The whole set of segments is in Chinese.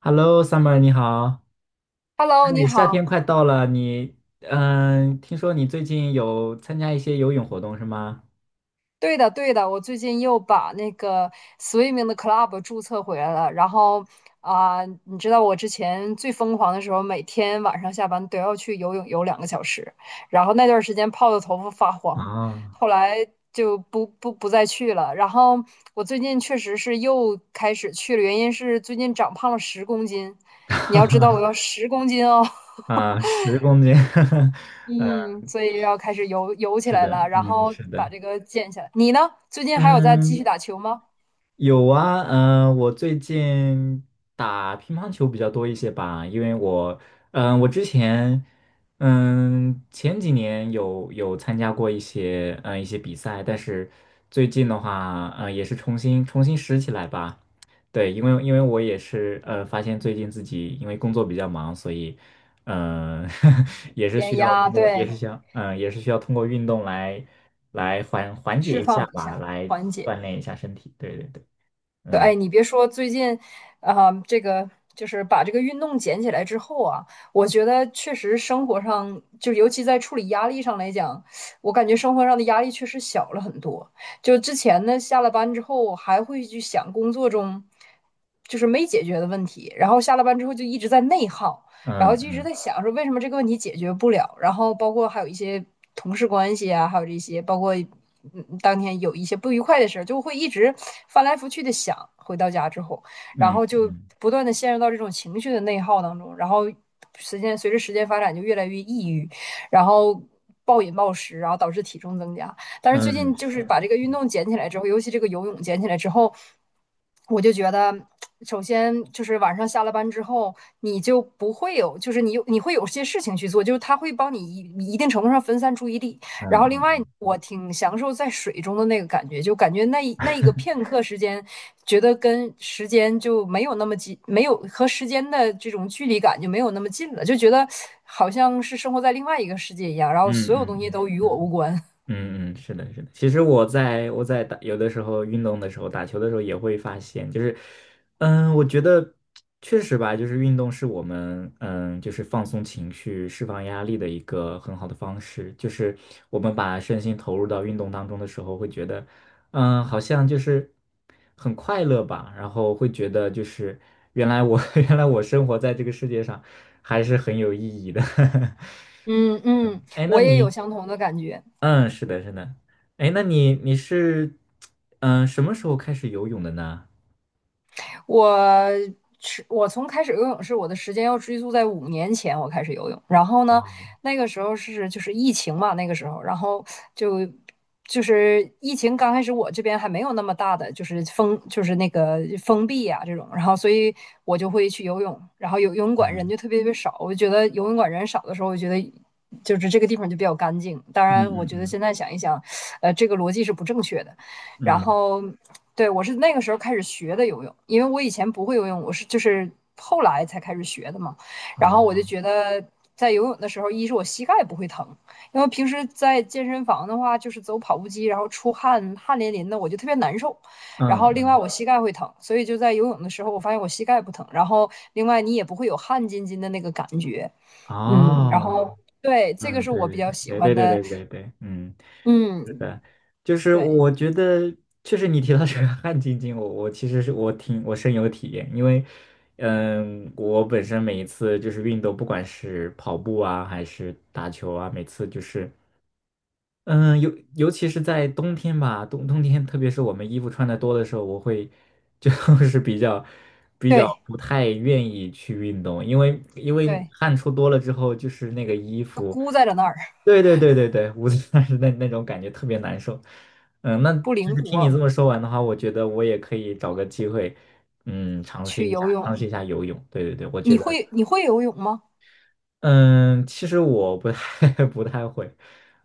Hello，Summer，你好。Hello，你哎，夏好。天快到了，听说你最近有参加一些游泳活动是吗？对的，对的，我最近又把那个 swimming 的 club 注册回来了。然后啊、你知道我之前最疯狂的时候，每天晚上下班都要去游泳游2个小时，然后那段时间泡的头发发黄，啊，后来就不再去了。然后我最近确实是又开始去了，原因是最近长胖了十公斤。你要知道，我要 十公斤哦。啊，十公斤，嗯，所以要开始游 起是来的，了，然嗯，后是把的，这个减下来。你呢？最近还有在继续嗯，打球吗？有啊，我最近打乒乓球比较多一些吧，因为我，嗯、我之前，嗯、前几年有参加过一些，一些比赛，但是最近的话，也是重新拾起来吧。对，因为我也是，发现最近自己因为工作比较忙，所以，嗯、也是需减要压，通过，也是对，想，也是需要通过运动来缓解释一下放一吧，下，来缓解。锻炼一下身体。对对对。对，嗯哎，你别说，最近，这个就是把这个运动捡起来之后啊，我觉得确实生活上，就尤其在处理压力上来讲，我感觉生活上的压力确实小了很多。就之前呢，下了班之后还会去想工作中就是没解决的问题，然后下了班之后就一直在内耗。然嗯后就一直嗯在想说为什么这个问题解决不了，然后包括还有一些同事关系啊，还有这些，包括当天有一些不愉快的事就会一直翻来覆去的想。回到家之后，然嗯后就嗯不断的陷入到这种情绪的内耗当中，然后随着时间发展就越来越抑郁，然后。暴饮暴食，然后导致体重增加。但是最嗯，近就是，是把这个运动捡起来之后，尤其这个游泳捡起来之后，我就觉得，首先就是晚上下了班之后，你就不会有，就是你会有些事情去做，就是它会帮你一定程度上分散注意力。然后另外，嗯我挺享受在水中的那个感觉，就感觉那一个片刻时间，觉得跟时间就没有那么近，没有和时间的这种距离感就没有那么近了，就觉得好像是生活在另外一个世界一样，然后嗯所嗯有东嗯。西嗯都与我无关。嗯嗯，是的，是的。其实我在有的时候运动的时候，打球的时候也会发现，就是，我觉得确实吧，就是运动是我们就是放松情绪、释放压力的一个很好的方式。就是我们把身心投入到运动当中的时候，会觉得，好像就是很快乐吧，然后会觉得就是原来我 原来我生活在这个世界上还是很有意义的。嗯嗯，嗯，哎，我也有相同的感觉。嗯，是的，是的，哎，那你你是，嗯、什么时候开始游泳的呢？我我开始游泳是我的时间要追溯在5年前，我开始游泳。然后呢，哦，那个时候是就是疫情嘛，那个时候，然后就疫情刚开始，我这边还没有那么大的就是封，就是那个封闭呀、这种，然后所以我就会去游泳，然后游泳馆人嗯就特别特别少。我就觉得游泳馆人少的时候，我觉得。就是这个地方就比较干净，当嗯然，我嗯觉得嗯现在想一想，这个逻辑是不正确的。然嗯，后，对我是那个时候开始学的游泳，因为我以前不会游泳，我是就是后来才开始学的嘛。然后我就哦，觉得在游泳的时候，一是我膝盖不会疼，因为平时在健身房的话，就是走跑步机，然后出汗淋淋的，我就特别难受。然嗯后另外嗯我膝盖会疼，所以就在游泳的时候，我发现我膝盖不疼。然后另外你也不会有汗津津的那个感觉，嗯。然哦，后对，这个嗯，是我对比较对喜对对欢对对的，对对对，嗯，是嗯，的，就是对我觉得确实你提到这个汗津津，我其实是我深有体验，因为，我本身每一次就是运动，不管是跑步啊还是打球啊，每次就是。嗯，尤其是在冬天吧，冬天，特别是我们衣服穿的多的时候，我会就 是比较对不太愿意去运动，因为对，汗出多了之后，就是那个衣都服，箍在了那儿。对对对对对，捂着但是那种感觉特别难受。那不就灵是听你这活么说完的话，我觉得我也可以找个机会，尝试去一下游尝泳。试一下游泳。对对对，我觉你得。会你会游泳吗？嗯，其实我不太 不太会，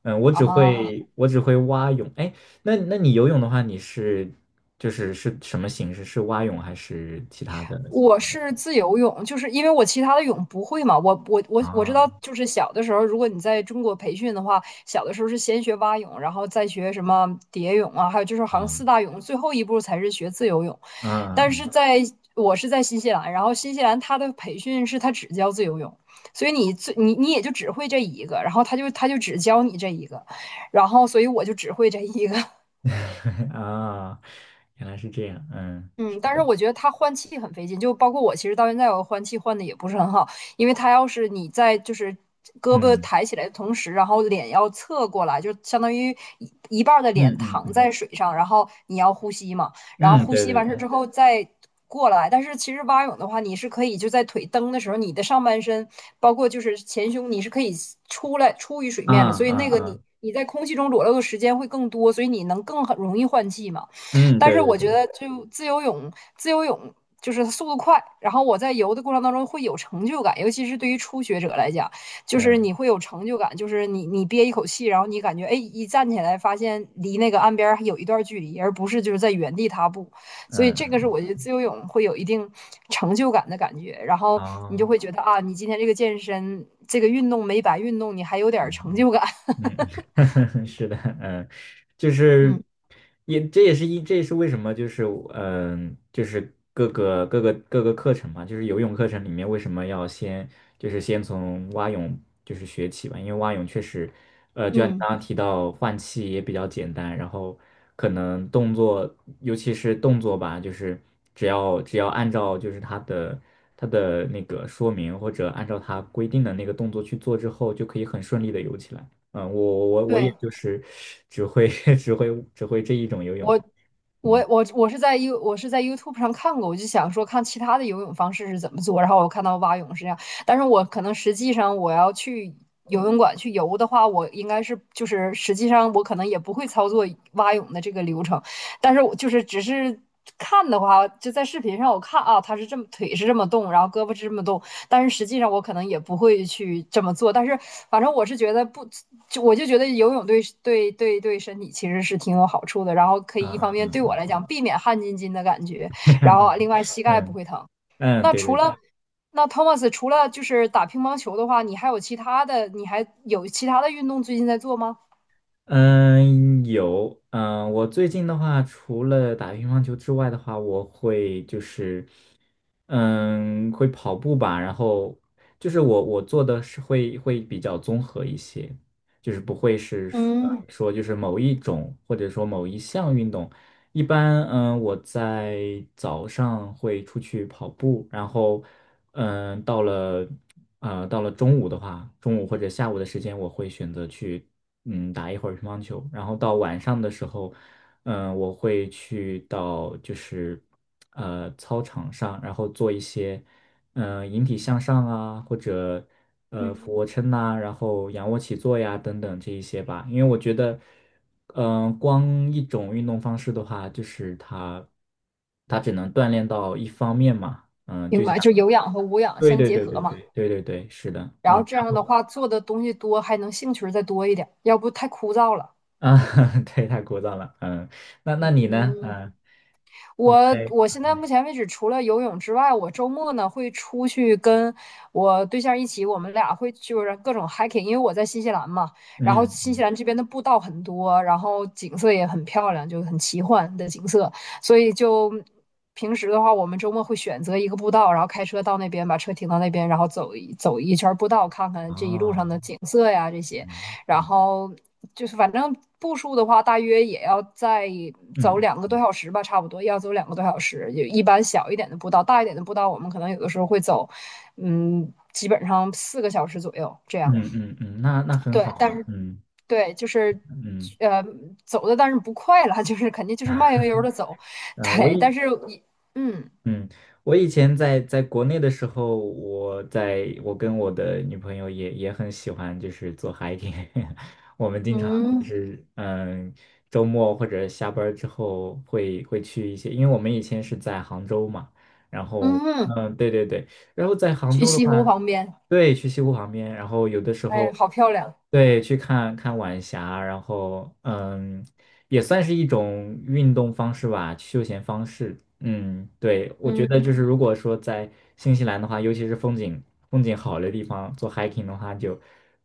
我只啊，会我只会蛙泳。哎，那你游泳的话，你是就是是什么形式？是蛙泳还是其他的我游泳？是自由泳，就是因为我其他的泳不会嘛。我知道，啊就是小的时候，如果你在中国培训的话，小的时候是先学蛙泳，然后再学什么蝶泳啊，还有就是好像四啊大泳，最后一步才是学自由泳。但啊 是在我是在新西兰，然后新西兰它的培训是它只教自由泳，所以你最你你也就只会这一个，然后他就只教你这一个，然后所以我就只会这一个，啊！原来是这样，嗯，是嗯，但是的，我觉得它换气很费劲，就包括我，其实到现在我换气换的也不是很好，因为它要是你在就是胳膊嗯抬起来的同时，然后脸要侧过来，就相当于一半儿的嗯脸嗯躺嗯在水上，然后你要呼吸嘛，然后嗯，呼对吸对完对，事之后再过来。但是其实蛙泳的话，你是可以就在腿蹬的时候，你的上半身包括就是前胸，你是可以出来出于水啊面的，所以那啊个你啊，你在空气中裸露的时间会更多，所以你能更很容易换气嘛。嗯，但对是对我对，觉得就自由泳，自由泳就是速度快，然后我在游的过程当中会有成就感，尤其是对于初学者来讲，就是嗯你会有成就感，就是你你憋一口气，然后你感觉哎一站起来，发现离那个岸边还有一段距离，而不是就是在原地踏步，所以嗯这个是嗯，我觉得自由泳会有一定成就感的感觉，然后你就哦。会觉得啊，你今天这个健身这个运动没白运动，你还有点成嗯就感，嗯，是的，嗯，就是嗯也这也是一这也是为什么就是就是各个课程嘛，就是游泳课程里面为什么要先就是先从蛙泳就是学起吧，因为蛙泳确实就像你嗯，刚刚提到换气也比较简单，然后可能动作尤其是动作吧，就是只要按照就是它的那个说明或者按照它规定的那个动作去做之后，就可以很顺利的游起来。我也对。就是只会 只会这一种游泳方我式嗯我是在 YouTube 上看过，我就想说看其他的游泳方式是怎么做，然后我看到蛙泳是这样，但是我可能实际上我要去游泳馆去游的话，我应该是就是实际上我可能也不会操作蛙泳的这个流程，但是我就是只是看的话，就在视频上我看啊，他是这么腿是这么动，然后胳膊是这么动，但是实际上我可能也不会去这么做。但是反正我是觉得不，就我就觉得游泳对身体其实是挺有好处的。然后可嗯以一方面嗯对我来嗯讲避免汗津津的感觉，嗯，然后另外膝嗯盖不嗯会疼。嗯，那对除对对。了那 Thomas 除了就是打乒乓球的话，你还有其他的，你还有其他的运动最近在做吗？嗯，有，我最近的话，除了打乒乓球之外的话，我会就是，会跑步吧，然后就是我做的是会比较综合一些，就是不会是说呃嗯说就是某一种或者说某一项运动，一般我在早上会出去跑步，然后到了。到了中午的话，中午或者下午的时间，我会选择去打一会儿乒乓球，然后到晚上的时候，我会去到就是操场上，然后做一些引体向上啊，或者俯卧嗯，撑呐、然后仰卧起坐呀等等这一些吧，因为我觉得。光一种运动方式的话，就是它，它只能锻炼到一方面嘛。嗯、明就像。白，就有氧和无氧对相对结对合对嘛。对对对对，是的，然后这然样的后话，做的东西多，还能兴趣儿再多一点，要不太枯燥了。啊，对，太枯燥了，嗯，那你呢？嗯，嗯，你我在我现在目前为止，除了游泳之外，我周末呢会出去跟我对象一起，我们俩会就是各种 hiking，因为我在新西兰嘛，然后新嗯，西兰这边的步道很多，然后景色也很漂亮，就很奇幻的景色，所以就平时的话，我们周末会选择一个步道，然后开车到那边，把车停到那边，然后走一圈步道，看看这一路上哦，的景色呀这些。然嗯后就是反正步数的话，大约也要再走嗯两个多小时吧，差不多要走两个多小时。就一般小一点的步道，大一点的步道，我们可能有的时候会走，嗯，基本上4个小时左右这嗯样。嗯嗯，那很好对，但啊，是嗯对，就是嗯呃，走的但是不快了，就是肯定就是慢悠悠的走。嗯，呃我对，也但是一嗯嗯，我以前在国内的时候，我跟我的女朋友也很喜欢，就是做 hiking。我们经常就嗯是周末或者下班儿之后会去一些，因为我们以前是在杭州嘛，然后嗯，对对对，然后在杭去州的西话，湖旁边，对，去西湖旁边，然后有的时哎，候好漂亮，对去看看晚霞，然后也算是一种运动方式吧，休闲方式。嗯，对，我觉得就嗯，是如果说在新西兰的话，尤其是风景好的地方做 hiking 的话就，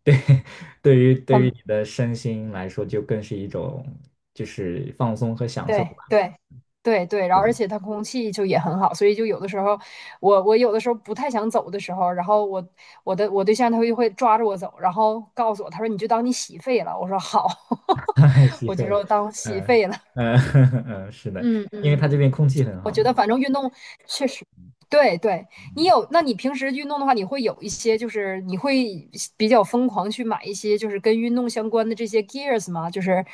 对 对于很你的身心来说，就更是一种就是放松和享受对吧。对对对，然后而对，且它空气就也很好，所以就有的时候我有的时候不太想走的时候，然后我我对象他会抓着我走，然后告诉我，他说你就当你洗肺了，我说好，吸我就肺了，说当洗嗯肺了，嗯 嗯，是的，嗯因为嗯。它这边空气很我好觉得嘛。反正运动确实，对对，你有，那你平时运动的话，你会有一些，就是你会比较疯狂去买一些，就是跟运动相关的这些 gears 吗？就是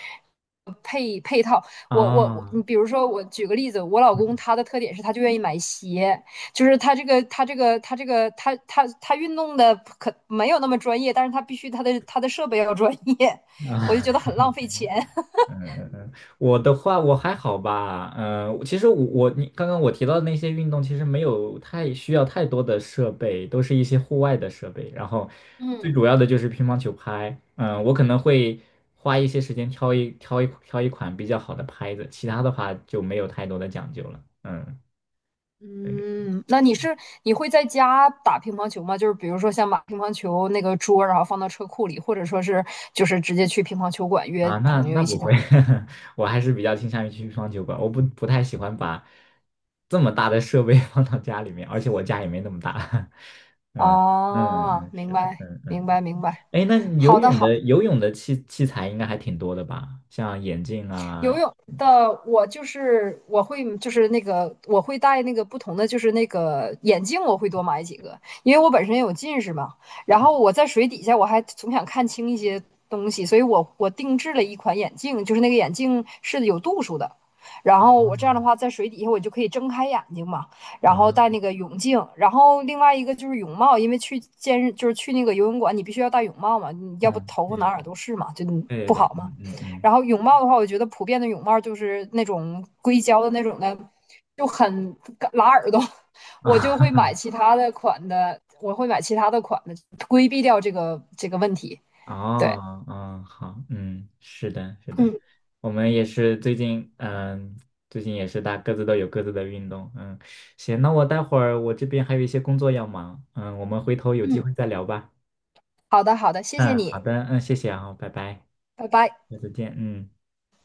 配套。我，啊，你比如说，我举个例子，我老嗯公他的特点是他就愿意买鞋，就是他这个他这个他这个他他他运动的可没有那么专业，但是他必须他的他的设备要专业，我就啊，觉得 很浪费钱。嗯嗯嗯，我的话我还好吧，其实我你刚刚我提到的那些运动，其实没有太需要太多的设备，都是一些户外的设备。然后最嗯。主要的就是乒乓球拍，我可能会花一些时间挑一款比较好的拍子，其他的话就没有太多的讲究了。嗯，对嗯，那你是你会在家打乒乓球吗？就是比如说像把乒乓球那个桌，然后放到车库里，或者说是就是直接去乒乓球馆约啊，那朋友那一起不会，打。我还是比较倾向于去乒乓球馆，我不太喜欢把这么大的设备 放到家里面，而且我家也没那么大。嗯嗯哦，嗯，是明的，白，嗯嗯。明白，明白。哎，那你好游的，泳好。的游泳的器材应该还挺多的吧？像眼镜啊，游泳的我就是我会就是那个我会戴那个不同的就是那个眼镜，我会多买几个，因为我本身有近视嘛。然后我在水底下我还总想看清一些东西，所以我定制了一款眼镜，就是那个眼镜是有度数的。然后我这样的话，在水底下我就可以睁开眼睛嘛，然后戴啊，那个泳镜，然后另外一个就是泳帽，因为去健身就是去那个游泳馆，你必须要戴泳帽嘛，你要不嗯，头发对哪对儿哪儿对都是嘛，就对对不对，好嘛。嗯嗯嗯，然后泳帽的话，我觉得普遍的泳帽就是那种硅胶的那种的，就很拉耳朵。我就会买啊，其他的款的，我会买其他的款的，规避掉这个问题。对，哦，嗯，好，嗯，是的，是的，嗯我们也是最近，嗯，最近也是各自都有各自的运动，嗯，行，那我待会儿我这边还有一些工作要忙，嗯，我们回头有机嗯，会再聊吧，好的好的，谢谢嗯，好你，的，嗯，谢谢啊，拜拜，拜拜。下次见，嗯。